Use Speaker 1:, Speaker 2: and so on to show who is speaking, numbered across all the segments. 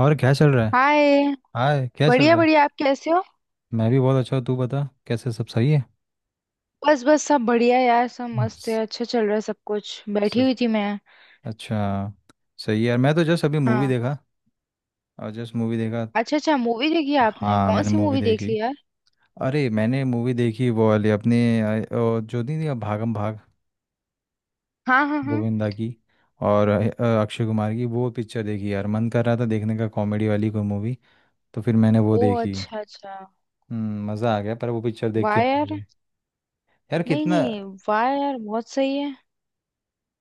Speaker 1: और क्या चल रहा है।
Speaker 2: हाय।
Speaker 1: हाय, क्या चल
Speaker 2: बढ़िया
Speaker 1: रहा है।
Speaker 2: बढ़िया। आप कैसे हो?
Speaker 1: मैं भी बहुत अच्छा हूँ, तू बता कैसे, सब सही है।
Speaker 2: बस बस सब बढ़िया यार। सब मस्त है।
Speaker 1: बस,
Speaker 2: अच्छा चल रहा है सब कुछ। बैठी
Speaker 1: स-
Speaker 2: हुई थी मैं।
Speaker 1: अच्छा, सही है यार। मैं तो जस्ट अभी मूवी
Speaker 2: हाँ।
Speaker 1: देखा और जस्ट मूवी देखा।
Speaker 2: अच्छा अच्छा, मूवी देखी आपने?
Speaker 1: हाँ,
Speaker 2: कौन
Speaker 1: मैंने
Speaker 2: सी
Speaker 1: मूवी
Speaker 2: मूवी देख
Speaker 1: देखी।
Speaker 2: ली यार?
Speaker 1: अरे मैंने मूवी देखी वो वाली अपने अ, जो नहीं थी, भागम भाग,
Speaker 2: हाँ हाँ हाँ।
Speaker 1: गोविंदा की और अक्षय कुमार की वो पिक्चर देखी यार। मन कर रहा था देखने का कॉमेडी वाली कोई मूवी, तो फिर मैंने वो
Speaker 2: ओ
Speaker 1: देखी।
Speaker 2: अच्छा अच्छा।
Speaker 1: हम्म, मज़ा आ गया पर वो पिक्चर देख
Speaker 2: वाह
Speaker 1: के।
Speaker 2: यार।
Speaker 1: यार
Speaker 2: नहीं
Speaker 1: कितना,
Speaker 2: नहीं। वाह यार, बहुत सही है।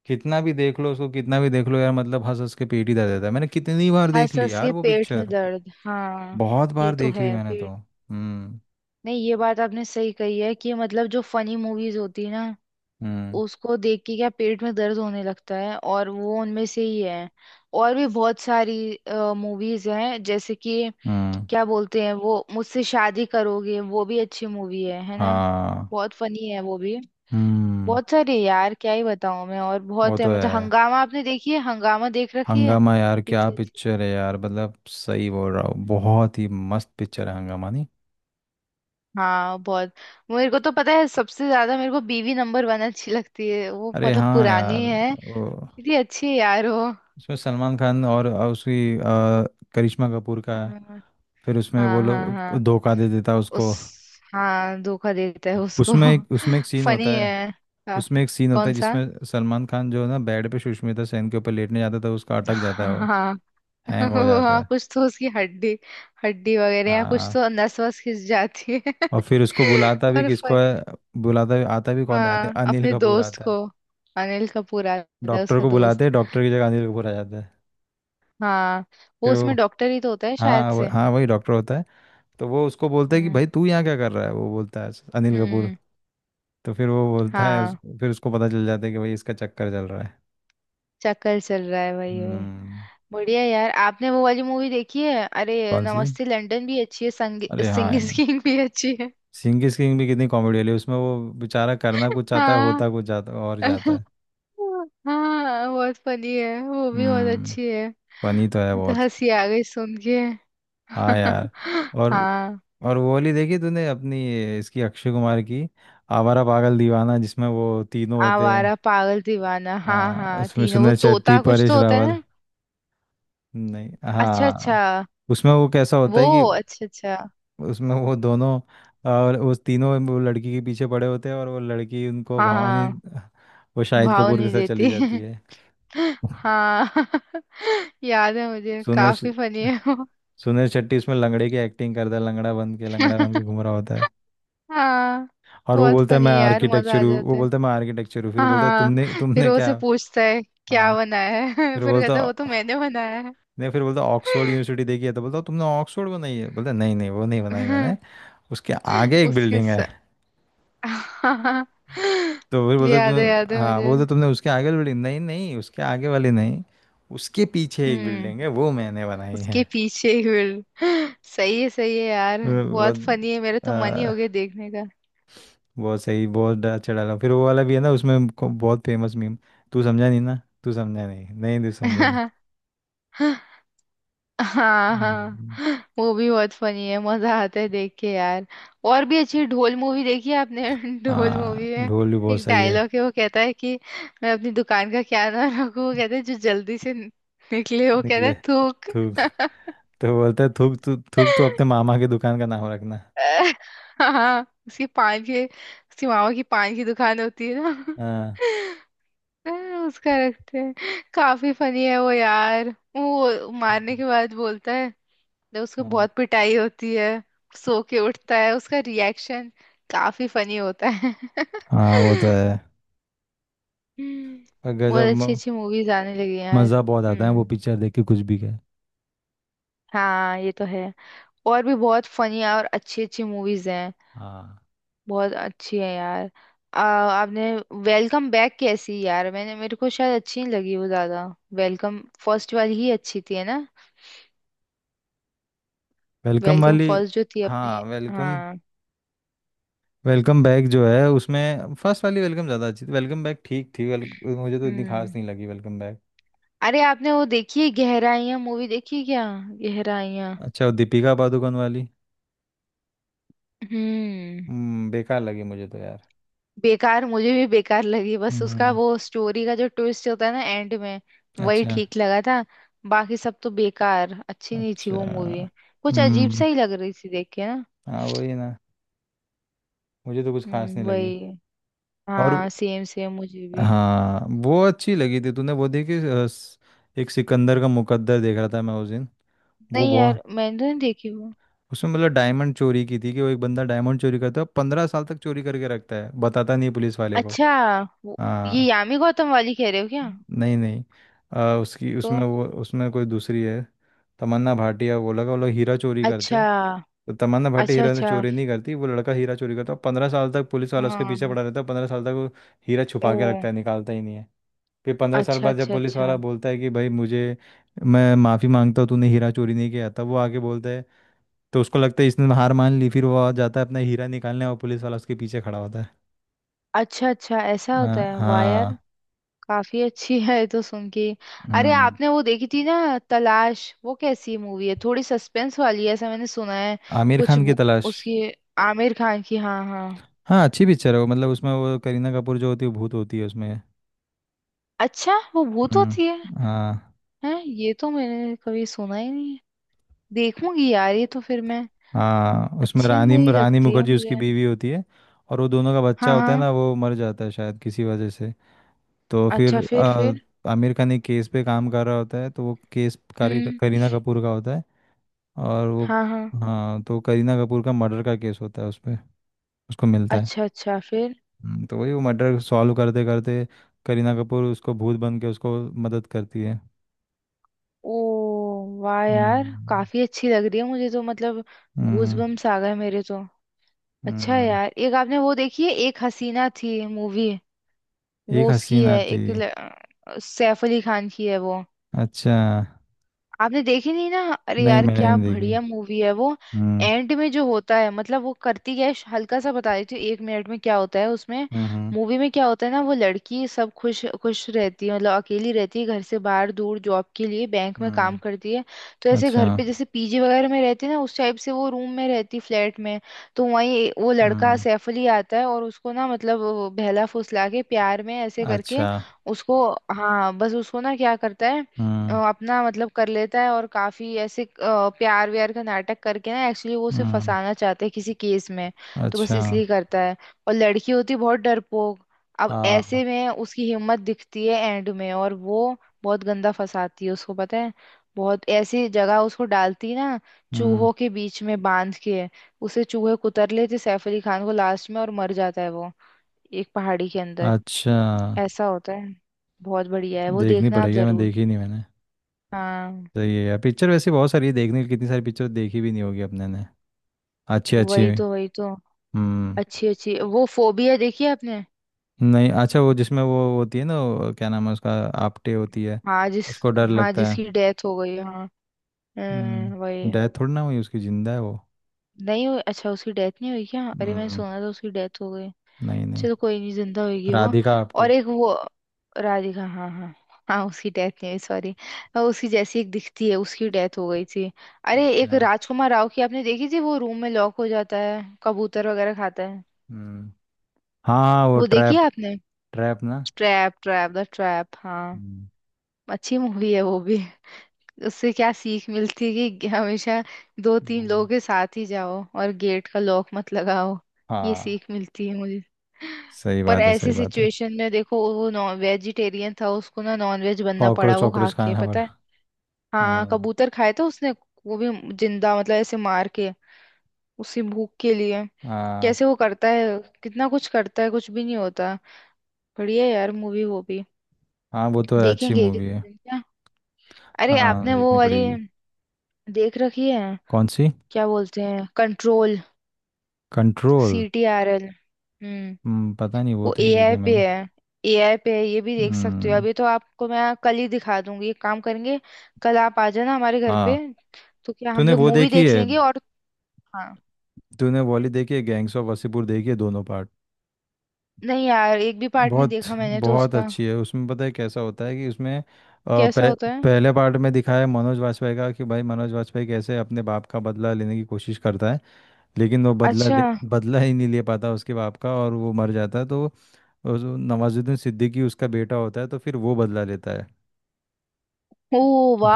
Speaker 1: कितना भी देख लो उसको, कितना भी देख लो यार, मतलब हंस हंस के पेट ही दर्द रहता है। मैंने कितनी बार देख
Speaker 2: हंस
Speaker 1: ली
Speaker 2: हंस
Speaker 1: यार
Speaker 2: के
Speaker 1: वो
Speaker 2: पेट में
Speaker 1: पिक्चर,
Speaker 2: दर्द, हाँ।
Speaker 1: बहुत
Speaker 2: ये
Speaker 1: बार
Speaker 2: तो
Speaker 1: देख ली
Speaker 2: है
Speaker 1: मैंने तो।
Speaker 2: पेट।
Speaker 1: हम्म।
Speaker 2: नहीं, ये बात आपने सही कही है कि मतलब जो फनी मूवीज होती है ना,
Speaker 1: हम्म।
Speaker 2: उसको देख के क्या पेट में दर्द होने लगता है। और वो उनमें से ही है। और भी बहुत सारी मूवीज हैं जैसे कि
Speaker 1: हम्म।
Speaker 2: क्या बोलते हैं वो, मुझसे शादी करोगे, वो भी अच्छी मूवी है ना?
Speaker 1: हाँ।
Speaker 2: बहुत फनी है वो भी।
Speaker 1: हम्म।
Speaker 2: बहुत सारी है यार, क्या ही बताऊं मैं, और
Speaker 1: वो
Speaker 2: बहुत
Speaker 1: तो
Speaker 2: है। मतलब
Speaker 1: है।
Speaker 2: हंगामा आपने देखी है? हंगामा देख रखी है?
Speaker 1: हंगामा यार क्या
Speaker 2: कितनी अच्छी।
Speaker 1: पिक्चर है यार, मतलब सही बोल रहा हूँ, बहुत ही मस्त पिक्चर है हंगामा, नहीं?
Speaker 2: हाँ बहुत। मेरे को तो पता है, सबसे ज्यादा मेरे को बीवी नंबर वन अच्छी लगती है वो,
Speaker 1: अरे
Speaker 2: मतलब
Speaker 1: हाँ
Speaker 2: पुरानी
Speaker 1: यार,
Speaker 2: है।
Speaker 1: वो,
Speaker 2: कितनी अच्छी है यार वो।
Speaker 1: उसमें सलमान खान और उसकी करिश्मा कपूर का है।
Speaker 2: हाँ
Speaker 1: फिर उसमें वो
Speaker 2: हाँ
Speaker 1: लोग
Speaker 2: हाँ।
Speaker 1: धोखा दे देता है
Speaker 2: उस
Speaker 1: उसको।
Speaker 2: हाँ, धोखा देता है उसको।
Speaker 1: उसमें एक सीन होता
Speaker 2: फनी
Speaker 1: है,
Speaker 2: है
Speaker 1: उसमें
Speaker 2: काफी।
Speaker 1: एक सीन होता
Speaker 2: कौन
Speaker 1: है
Speaker 2: सा?
Speaker 1: जिसमें सलमान खान जो है ना, बेड पे सुष्मिता सेन के ऊपर लेटने जाता है तो उसका अटक जाता है, वो
Speaker 2: हाँ।
Speaker 1: हैंग हो जाता
Speaker 2: हाँ
Speaker 1: है।
Speaker 2: कुछ तो, उसकी हड्डी, हड्डी वगैरह, या कुछ तो
Speaker 1: हाँ।
Speaker 2: नस वस खिंच जाती है।
Speaker 1: और फिर उसको बुलाता भी
Speaker 2: और
Speaker 1: किसको है,
Speaker 2: फनी।
Speaker 1: बुलाता भी आता भी कौन है,
Speaker 2: हाँ
Speaker 1: अनिल
Speaker 2: अपने
Speaker 1: कपूर
Speaker 2: दोस्त
Speaker 1: आता
Speaker 2: को।
Speaker 1: है।
Speaker 2: अनिल कपूर आता है,
Speaker 1: डॉक्टर
Speaker 2: उसका
Speaker 1: को बुलाते
Speaker 2: दोस्त।
Speaker 1: हैं, डॉक्टर की जगह अनिल कपूर आ जाता है।
Speaker 2: हाँ। वो
Speaker 1: फिर वो
Speaker 2: उसमें डॉक्टर ही तो होता है शायद से।
Speaker 1: हाँ वही डॉक्टर होता है। तो वो उसको बोलता है कि
Speaker 2: हम्म
Speaker 1: भाई तू यहाँ क्या कर रहा है, वो बोलता है अनिल कपूर।
Speaker 2: हम्म।
Speaker 1: तो फिर वो बोलता है
Speaker 2: हाँ
Speaker 1: फिर उसको पता चल जाता है कि भाई इसका चक्कर चल रहा है।
Speaker 2: चक्कर चल रहा है, वही वही।
Speaker 1: हम्म।
Speaker 2: बढ़िया यार, आपने वो वाली मूवी देखी है? अरे
Speaker 1: कौन सी?
Speaker 2: नमस्ते लंदन भी अच्छी है,
Speaker 1: अरे हाँ यार,
Speaker 2: सिंगिस किंग भी अच्छी है।
Speaker 1: सिंह की किंग भी कितनी कॉमेडी वाली है। उसमें वो बेचारा करना कुछ चाहता है,
Speaker 2: हाँ।
Speaker 1: होता कुछ जाता और जाता है।
Speaker 2: हाँ बहुत फनी है वो भी, बहुत
Speaker 1: हम्म।
Speaker 2: अच्छी है।
Speaker 1: फनी तो है
Speaker 2: मुझे तो
Speaker 1: बहुत।
Speaker 2: हंसी आ गई सुन के।
Speaker 1: हाँ यार। और
Speaker 2: हाँ।
Speaker 1: और वो वाली देखी तूने अपनी इसकी अक्षय कुमार की, आवारा पागल दीवाना, जिसमें वो तीनों होते हैं।
Speaker 2: आवारा पागल दीवाना, हाँ
Speaker 1: हाँ,
Speaker 2: हाँ,
Speaker 1: उसमें
Speaker 2: तीनों वो
Speaker 1: सुनील शेट्टी,
Speaker 2: तोता कुछ
Speaker 1: परेश
Speaker 2: तो होता है
Speaker 1: रावल,
Speaker 2: ना।
Speaker 1: नहीं
Speaker 2: अच्छा अच्छा।
Speaker 1: हाँ। उसमें वो कैसा होता
Speaker 2: वो,
Speaker 1: है कि
Speaker 2: अच्छा अच्छा।
Speaker 1: उसमें वो दोनों और उस तीनों वो लड़की के पीछे पड़े होते हैं, और वो लड़की उनको
Speaker 2: हाँ
Speaker 1: भावनी,
Speaker 2: हाँ,
Speaker 1: वो शाहिद
Speaker 2: भाव
Speaker 1: कपूर के
Speaker 2: नहीं
Speaker 1: साथ चली
Speaker 2: देती।
Speaker 1: जाती है।
Speaker 2: हाँ याद है मुझे,
Speaker 1: सुनील
Speaker 2: काफी फनी है।
Speaker 1: सुनील शेट्टी इसमें लंगड़े की एक्टिंग करता है, लंगड़ा बन के, लंगड़ा बन के घूम रहा होता है।
Speaker 2: हाँ
Speaker 1: और वो
Speaker 2: बहुत
Speaker 1: बोलता है मैं
Speaker 2: फनी यार, मजा
Speaker 1: आर्किटेक्चर
Speaker 2: आ
Speaker 1: हूँ, वो
Speaker 2: जाता है।
Speaker 1: बोलता है मैं आर्किटेक्चर हूँ, फिर बोलता है
Speaker 2: हाँ
Speaker 1: तुमने,
Speaker 2: फिर
Speaker 1: तुमने
Speaker 2: वो
Speaker 1: क्या?
Speaker 2: से पूछता है
Speaker 1: हाँ।
Speaker 2: क्या बनाया है।
Speaker 1: फिर
Speaker 2: फिर
Speaker 1: बोलता
Speaker 2: कहता है वो तो मैंने बनाया
Speaker 1: नहीं, फिर बोलता ऑक्सफोर्ड यूनिवर्सिटी देखी है, तो बोलता तुमने ऑक्सफोर्ड बनाई है, बोलता नहीं नहीं वो नहीं बनाई
Speaker 2: है।
Speaker 1: मैंने, उसके आगे एक
Speaker 2: उसके
Speaker 1: बिल्डिंग है।
Speaker 2: साथ।
Speaker 1: तो फिर बोलता
Speaker 2: याद है, याद
Speaker 1: तुम,
Speaker 2: है
Speaker 1: हाँ
Speaker 2: मुझे।
Speaker 1: बोलता तुमने उसके आगे वाली बिल्डिंग, नहीं नहीं उसके आगे वाली नहीं, उसके पीछे एक
Speaker 2: हम्म।
Speaker 1: बिल्डिंग है, वो मैंने बनाई है।
Speaker 2: उसके पीछे ही भीड़। सही है, सही है यार।
Speaker 1: वो वो,
Speaker 2: बहुत फनी है, मेरे तो मन ही हो गया देखने
Speaker 1: बहुत सही, बहुत अच्छा डाला। फिर वो वाला भी है ना उसमें बहुत फेमस मीम, तू समझा नहीं ना, तू समझा नहीं, नहीं तू समझा नहीं।
Speaker 2: का। हाँ
Speaker 1: हम्म,
Speaker 2: हाँ, वो भी बहुत फनी है, मजा आता है देख के यार। और भी अच्छी ढोल मूवी देखी है आपने? ढोल मूवी
Speaker 1: हाँ,
Speaker 2: में
Speaker 1: ढोल भी बहुत
Speaker 2: एक
Speaker 1: सही है।
Speaker 2: डायलॉग है, वो कहता है कि मैं अपनी दुकान का क्या नाम रखूं, वो कहता है जो जल्दी से निकले, वो कहता
Speaker 1: निकले।
Speaker 2: है थूक।
Speaker 1: थूक। तो बोलता है थूक, तू थूक तो अपने मामा की दुकान का नाम रखना।
Speaker 2: हाँ, उसकी पान के, उसकी मामा की पान की दुकान होती है ना।
Speaker 1: हाँ।
Speaker 2: हाँ, उसका रखते हैं। काफी फनी है वो यार। वो मारने
Speaker 1: हम्म।
Speaker 2: के बाद बोलता है, जब उसको
Speaker 1: हाँ
Speaker 2: बहुत पिटाई होती है, सो के उठता है, उसका रिएक्शन काफी फनी होता है।
Speaker 1: हाँ, वो तो है।
Speaker 2: हम्म,
Speaker 1: और
Speaker 2: बहुत
Speaker 1: गजब
Speaker 2: अच्छी
Speaker 1: म-
Speaker 2: अच्छी मूवीज आने लगी हैं यार।
Speaker 1: मज़ा बहुत आता है वो
Speaker 2: हम्म।
Speaker 1: पिक्चर देख के, कुछ भी कहे।
Speaker 2: हाँ ये तो है। और भी बहुत फनी और अच्छी अच्छी मूवीज हैं।
Speaker 1: हाँ।
Speaker 2: बहुत अच्छी है यार। आपने वेलकम बैक कैसी यार, मैंने मेरे को शायद अच्छी नहीं लगी वो ज्यादा। वेलकम फर्स्ट वाली ही अच्छी थी, है ना?
Speaker 1: वेलकम
Speaker 2: वेलकम
Speaker 1: वाली,
Speaker 2: फर्स्ट जो थी
Speaker 1: हाँ
Speaker 2: अपने।
Speaker 1: वेलकम।
Speaker 2: हाँ।
Speaker 1: वेलकम बैक जो है, उसमें फर्स्ट वाली वेलकम ज़्यादा अच्छी थी, वेलकम बैक ठीक थी, वेल मुझे तो इतनी खास
Speaker 2: हम्म।
Speaker 1: नहीं लगी वेलकम बैक।
Speaker 2: अरे आपने वो देखी है गहराइयां, मूवी देखी है क्या? गहराइयां।
Speaker 1: अच्छा, वो दीपिका पादुकोण वाली।
Speaker 2: हम्म।
Speaker 1: हम्म, बेकार लगी मुझे तो यार।
Speaker 2: बेकार मुझे भी बेकार लगी, बस उसका
Speaker 1: हम्म।
Speaker 2: वो स्टोरी का जो ट्विस्ट होता है ना एंड में, वही
Speaker 1: अच्छा।
Speaker 2: ठीक लगा था। बाकी सब तो बेकार, अच्छी नहीं थी
Speaker 1: अच्छा।
Speaker 2: वो मूवी। कुछ अजीब
Speaker 1: हम्म।
Speaker 2: सा ही लग रही थी देख के ना।
Speaker 1: हाँ वही ना, मुझे तो कुछ खास नहीं लगी।
Speaker 2: वही,
Speaker 1: और
Speaker 2: हाँ, सेम सेम मुझे भी।
Speaker 1: हाँ, वो अच्छी लगी थी तूने वो देखी एक सिकंदर का मुकद्दर देख रहा था मैं उस दिन। वो
Speaker 2: नहीं
Speaker 1: बहुत,
Speaker 2: यार, मैंने तो नहीं देखी वो।
Speaker 1: उसमें मतलब डायमंड चोरी की थी, कि वो एक बंदा डायमंड चोरी करता है, 15 साल तक चोरी करके रखता है, बताता नहीं पुलिस वाले को।
Speaker 2: अच्छा। वो- ये
Speaker 1: हाँ।
Speaker 2: यामी गौतम वाली कह रहे हो क्या?
Speaker 1: नहीं नहीं, उसकी
Speaker 2: तो,
Speaker 1: उसमें वो, उसमें कोई दूसरी है, तमन्ना भाटिया, वो लगा वो लोग हीरा चोरी करते
Speaker 2: अच्छा
Speaker 1: हैं। तो तमन्ना भाटी
Speaker 2: अच्छा
Speaker 1: हीरा ने
Speaker 2: अच्छा।
Speaker 1: चोरी नहीं करती, वो लड़का हीरा चोरी करता है 15 साल तक, पुलिस वाला उसके पीछे
Speaker 2: हाँ।
Speaker 1: पड़ा रहता है 15 साल तक, वो हीरा
Speaker 2: ओ
Speaker 1: छुपा के रखता है, निकालता ही नहीं है। फिर 15 साल
Speaker 2: अच्छा
Speaker 1: बाद जब
Speaker 2: अच्छा।
Speaker 1: पुलिस
Speaker 2: अच्छा
Speaker 1: वाला बोलता है कि भाई मुझे, मैं माफ़ी मांगता हूँ, तूने हीरा चोरी नहीं किया, तब वो आके बोलता है, तो उसको लगता है इसने हार मान ली, फिर वो आ जाता है अपना हीरा निकालने और पुलिस वाला उसके पीछे खड़ा होता है।
Speaker 2: अच्छा, अच्छा ऐसा
Speaker 1: हाँ
Speaker 2: होता है? वाह यार,
Speaker 1: हाँ।
Speaker 2: काफी अच्छी है ये तो सुन के। अरे
Speaker 1: हम्म।
Speaker 2: आपने वो देखी थी ना, तलाश? वो कैसी मूवी है? थोड़ी सस्पेंस वाली है ऐसा मैंने सुना है।
Speaker 1: आमिर
Speaker 2: कुछ
Speaker 1: खान की
Speaker 2: वो-
Speaker 1: तलाश।
Speaker 2: उसकी, आमिर खान की, हाँ हाँ।
Speaker 1: हाँ अच्छी पिक्चर है वो, मतलब उसमें वो करीना कपूर जो होती है, भूत होती है उसमें।
Speaker 2: अच्छा वो भूत होती है?
Speaker 1: हाँ।
Speaker 2: हैं, ये तो मैंने कभी सुना ही नहीं है। देखूंगी यार ये तो फिर मैं।
Speaker 1: हाँ, उसमें
Speaker 2: अच्छी
Speaker 1: रानी
Speaker 2: मूवी
Speaker 1: रानी
Speaker 2: लगती है
Speaker 1: मुखर्जी उसकी
Speaker 2: मुझे।
Speaker 1: बीवी होती है, और वो दोनों का बच्चा
Speaker 2: हाँ
Speaker 1: होता है
Speaker 2: हाँ।
Speaker 1: ना, वो मर जाता है शायद किसी वजह से। तो
Speaker 2: अच्छा
Speaker 1: फिर
Speaker 2: फिर, फिर।
Speaker 1: आमिर खान एक केस पे काम कर रहा होता है, तो वो केस
Speaker 2: हम्म।
Speaker 1: करीना कपूर का होता है, और वो,
Speaker 2: हाँ हाँ।
Speaker 1: हाँ तो करीना कपूर का मर्डर का केस होता है उस पे, उसको मिलता है।
Speaker 2: अच्छा अच्छा, फिर।
Speaker 1: तो वही वो मर्डर सॉल्व करते करते करीना कपूर उसको भूत बन के उसको मदद करती है।
Speaker 2: ओ। वाह यार,
Speaker 1: हम्म।
Speaker 2: काफी अच्छी लग रही है मुझे तो, मतलब
Speaker 1: हम्म।
Speaker 2: गूजबम्स आ गए मेरे तो। अच्छा है
Speaker 1: हम्म,
Speaker 2: यार। एक आपने वो देखी है एक हसीना थी मूवी? वो
Speaker 1: एक
Speaker 2: उसकी
Speaker 1: हसीना
Speaker 2: है
Speaker 1: थी।
Speaker 2: एक ल- सैफ अली खान की है वो।
Speaker 1: अच्छा,
Speaker 2: आपने देखी नहीं ना? अरे
Speaker 1: नहीं
Speaker 2: यार
Speaker 1: मैंने
Speaker 2: क्या
Speaker 1: नहीं देखी।
Speaker 2: बढ़िया मूवी है वो।
Speaker 1: हम्म।
Speaker 2: एंड में जो होता है, मतलब वो करती क्या है, हल्का सा बता देती हूँ एक मिनट में क्या होता है उसमें,
Speaker 1: हम्म। हम्म।
Speaker 2: मूवी में क्या होता है ना। वो लड़की सब खुश खुश रहती है, मतलब अकेली रहती है, घर से बाहर दूर जॉब के लिए बैंक में
Speaker 1: हम्म।
Speaker 2: काम करती है। तो ऐसे
Speaker 1: अच्छा।
Speaker 2: घर पे जैसे पीजी वगैरह में रहती है ना, उस टाइप से, वो रूम में रहती, फ्लैट में। तो वहीं वो लड़का
Speaker 1: हम्म।
Speaker 2: सैफ अली आता है और उसको ना मतलब वो बहला फुसला के प्यार में ऐसे करके
Speaker 1: अच्छा।
Speaker 2: उसको। हाँ बस उसको ना क्या करता है,
Speaker 1: हम्म।
Speaker 2: अपना मतलब कर लेता है, और काफी ऐसे प्यार व्यार का नाटक करके ना, एक्चुअली वो उसे
Speaker 1: हम्म।
Speaker 2: फंसाना चाहता है किसी केस में। तो बस
Speaker 1: अच्छा।
Speaker 2: इसलिए करता है। और लड़की होती है बहुत डरपोक। अब
Speaker 1: हाँ।
Speaker 2: ऐसे में उसकी हिम्मत दिखती है एंड में, और वो बहुत गंदा फंसाती है उसको, पता है? बहुत ऐसी जगह उसको डालती है ना,
Speaker 1: हम्म।
Speaker 2: चूहों के बीच में बांध के। उसे चूहे कुतर लेते सैफ अली खान को, लास्ट में और मर जाता है वो, एक पहाड़ी के अंदर।
Speaker 1: अच्छा,
Speaker 2: ऐसा होता है। बहुत बढ़िया है वो,
Speaker 1: देखनी
Speaker 2: देखना आप
Speaker 1: पड़ेगी, मैं
Speaker 2: जरूर।
Speaker 1: देखी नहीं मैंने।
Speaker 2: हाँ।
Speaker 1: सही है यार, पिक्चर वैसे बहुत सारी है देखने की, कितनी सारी पिक्चर देखी भी नहीं होगी अपने ने, अच्छी अच्छी
Speaker 2: वही
Speaker 1: भी।
Speaker 2: तो, वही तो।
Speaker 1: हम्म।
Speaker 2: अच्छी अच्छी। वो फोबिया देखी है आपने?
Speaker 1: नहीं, अच्छा वो जिसमें वो होती है ना, वो क्या नाम है उसका, आपटे होती है,
Speaker 2: हाँ जिस,
Speaker 1: उसको डर
Speaker 2: हाँ
Speaker 1: लगता है।
Speaker 2: जिसकी डेथ हो गई है, हाँ।
Speaker 1: हम्म,
Speaker 2: वही।
Speaker 1: डेथ थोड़ी ना हुई उसकी, जिंदा है वो।
Speaker 2: नहीं हुई? अच्छा उसकी डेथ नहीं हुई क्या? अरे मैंने
Speaker 1: हम्म,
Speaker 2: सुना था उसकी डेथ हो गई।
Speaker 1: नहीं नहीं,
Speaker 2: चलो कोई नहीं, जिंदा होगी वो।
Speaker 1: राधिका
Speaker 2: और
Speaker 1: आपटे।
Speaker 2: एक वो, राधिका, हाँ हाँ। हाँ उसकी डेथ नहीं हुई, सॉरी। उसकी जैसी एक दिखती है, उसकी डेथ हो गई थी। अरे एक
Speaker 1: अच्छा।
Speaker 2: राजकुमार राव की आपने देखी थी, वो रूम में लॉक हो जाता है, कबूतर वगैरह खाता है।
Speaker 1: हम्म। हाँ हाँ, वो
Speaker 2: वो देखी
Speaker 1: ट्रैप,
Speaker 2: है आपने?
Speaker 1: ट्रैप ना।
Speaker 2: ट्रैप, ट्रैप, द ट्रैप, हाँ।
Speaker 1: हम्म,
Speaker 2: अच्छी मूवी है वो भी। उससे क्या सीख मिलती है कि हमेशा दो तीन
Speaker 1: हम्म।
Speaker 2: लोगों के साथ ही जाओ और गेट का लॉक मत लगाओ। ये
Speaker 1: हाँ,
Speaker 2: सीख मिलती है मुझे।
Speaker 1: सही
Speaker 2: पर
Speaker 1: बात है,
Speaker 2: ऐसी
Speaker 1: सही बात है।
Speaker 2: सिचुएशन में देखो, वो नॉन वेजिटेरियन था, उसको ना नॉन वेज बनना पड़ा,
Speaker 1: कॉकरोच
Speaker 2: वो खा
Speaker 1: वॉकरोच
Speaker 2: के,
Speaker 1: खाना
Speaker 2: पता
Speaker 1: पड़ा।
Speaker 2: है? हाँ
Speaker 1: हाँ।
Speaker 2: कबूतर खाए थे उसने। वो भी जिंदा, मतलब ऐसे मार के, उसी भूख के लिए।
Speaker 1: हाँ,
Speaker 2: कैसे वो करता है, कितना कुछ करता है, कुछ भी नहीं होता। बढ़िया यार मूवी वो भी।
Speaker 1: हाँ वो तो अच्छी
Speaker 2: देखेंगे
Speaker 1: मूवी
Speaker 2: किसी
Speaker 1: है।
Speaker 2: दिन क्या? अरे
Speaker 1: हाँ,
Speaker 2: आपने वो
Speaker 1: देखनी
Speaker 2: वाली
Speaker 1: पड़ेगी।
Speaker 2: देख रखी है,
Speaker 1: कौन सी?
Speaker 2: क्या बोलते हैं, control,
Speaker 1: control.
Speaker 2: C T R L? हम्म।
Speaker 1: हम्म, पता नहीं, वो
Speaker 2: वो
Speaker 1: तो नहीं
Speaker 2: एआई
Speaker 1: देखी
Speaker 2: पे
Speaker 1: मैंने।
Speaker 2: है, एआई पे है। ये भी देख सकते हो।
Speaker 1: हम्म।
Speaker 2: अभी तो आपको मैं कल ही दिखा दूंगी, एक काम करेंगे। कल आप आ जाना हमारे घर पे,
Speaker 1: हाँ।
Speaker 2: तो क्या हम
Speaker 1: तूने
Speaker 2: लोग
Speaker 1: वो
Speaker 2: मूवी
Speaker 1: देखी
Speaker 2: देख
Speaker 1: है,
Speaker 2: लेंगे और। हाँ।
Speaker 1: तूने वाली देखी है गैंग्स ऑफ वासेपुर, देखी है दोनों पार्ट?
Speaker 2: नहीं यार एक भी पार्ट नहीं
Speaker 1: बहुत
Speaker 2: देखा मैंने तो
Speaker 1: बहुत
Speaker 2: उसका।
Speaker 1: अच्छी है। उसमें पता है कैसा होता है कि उसमें
Speaker 2: कैसा
Speaker 1: पह,
Speaker 2: होता है?
Speaker 1: पहले पार्ट में दिखाया है मनोज वाजपेयी का, कि भाई मनोज वाजपेयी कैसे अपने बाप का बदला लेने की कोशिश करता है, लेकिन वो
Speaker 2: अच्छा।
Speaker 1: बदला ही नहीं ले पाता उसके बाप का, और वो मर जाता है तो नवाजुद्दीन सिद्दीकी उसका बेटा होता है, तो फिर वो बदला लेता है।
Speaker 2: ओ,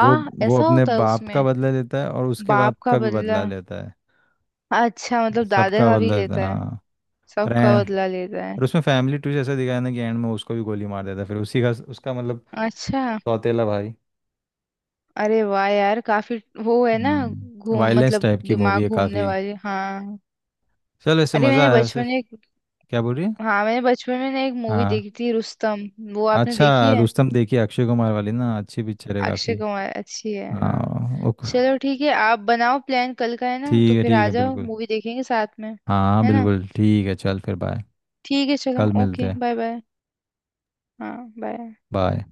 Speaker 1: वो वो
Speaker 2: ऐसा
Speaker 1: अपने
Speaker 2: होता है
Speaker 1: बाप का
Speaker 2: उसमें?
Speaker 1: बदला लेता है और उसके
Speaker 2: बाप
Speaker 1: बाप
Speaker 2: का
Speaker 1: का भी
Speaker 2: बदला।
Speaker 1: बदला लेता है,
Speaker 2: अच्छा मतलब दादा
Speaker 1: सबका
Speaker 2: का भी
Speaker 1: बदला लेता है
Speaker 2: लेता है।
Speaker 1: हाँ।
Speaker 2: सबका
Speaker 1: फ्रेंड,
Speaker 2: बदला लेता है।
Speaker 1: और उसमें फैमिली टू जैसा दिखाया ना, कि एंड में उसको भी गोली मार देता है फिर उसी का, उसका मतलब
Speaker 2: अच्छा।
Speaker 1: सौतेला भाई।
Speaker 2: अरे वाह यार, काफी। वो है ना।
Speaker 1: हम्म,
Speaker 2: घूम,
Speaker 1: वायलेंस
Speaker 2: मतलब
Speaker 1: टाइप की मूवी
Speaker 2: दिमाग
Speaker 1: है
Speaker 2: घूमने
Speaker 1: काफ़ी।
Speaker 2: वाली, हाँ।
Speaker 1: चल, वैसे
Speaker 2: अरे
Speaker 1: मज़ा
Speaker 2: मैंने
Speaker 1: आया वैसे।
Speaker 2: बचपन में एक-
Speaker 1: क्या बोल रही है?
Speaker 2: हाँ मैंने बचपन में ना एक मूवी
Speaker 1: हाँ।
Speaker 2: देखी थी, रुस्तम। वो आपने
Speaker 1: अच्छा,
Speaker 2: देखी है?
Speaker 1: रुस्तम देखिए, अक्षय कुमार वाली ना, अच्छी पिक्चर है
Speaker 2: अक्षय
Speaker 1: काफ़ी।
Speaker 2: कुमार, अच्छी है हाँ।
Speaker 1: हाँ ओके।
Speaker 2: चलो ठीक है, आप बनाओ प्लान कल का, है ना?
Speaker 1: ठीक
Speaker 2: तो
Speaker 1: है
Speaker 2: फिर
Speaker 1: ठीक
Speaker 2: आ
Speaker 1: है,
Speaker 2: जाओ,
Speaker 1: बिल्कुल।
Speaker 2: मूवी देखेंगे साथ में,
Speaker 1: हाँ
Speaker 2: है ना?
Speaker 1: बिल्कुल ठीक है, चल फिर बाय।
Speaker 2: ठीक है, चलो,
Speaker 1: कल
Speaker 2: ओके,
Speaker 1: मिलते हैं।
Speaker 2: Bye bye. हाँ बाय।
Speaker 1: बाय।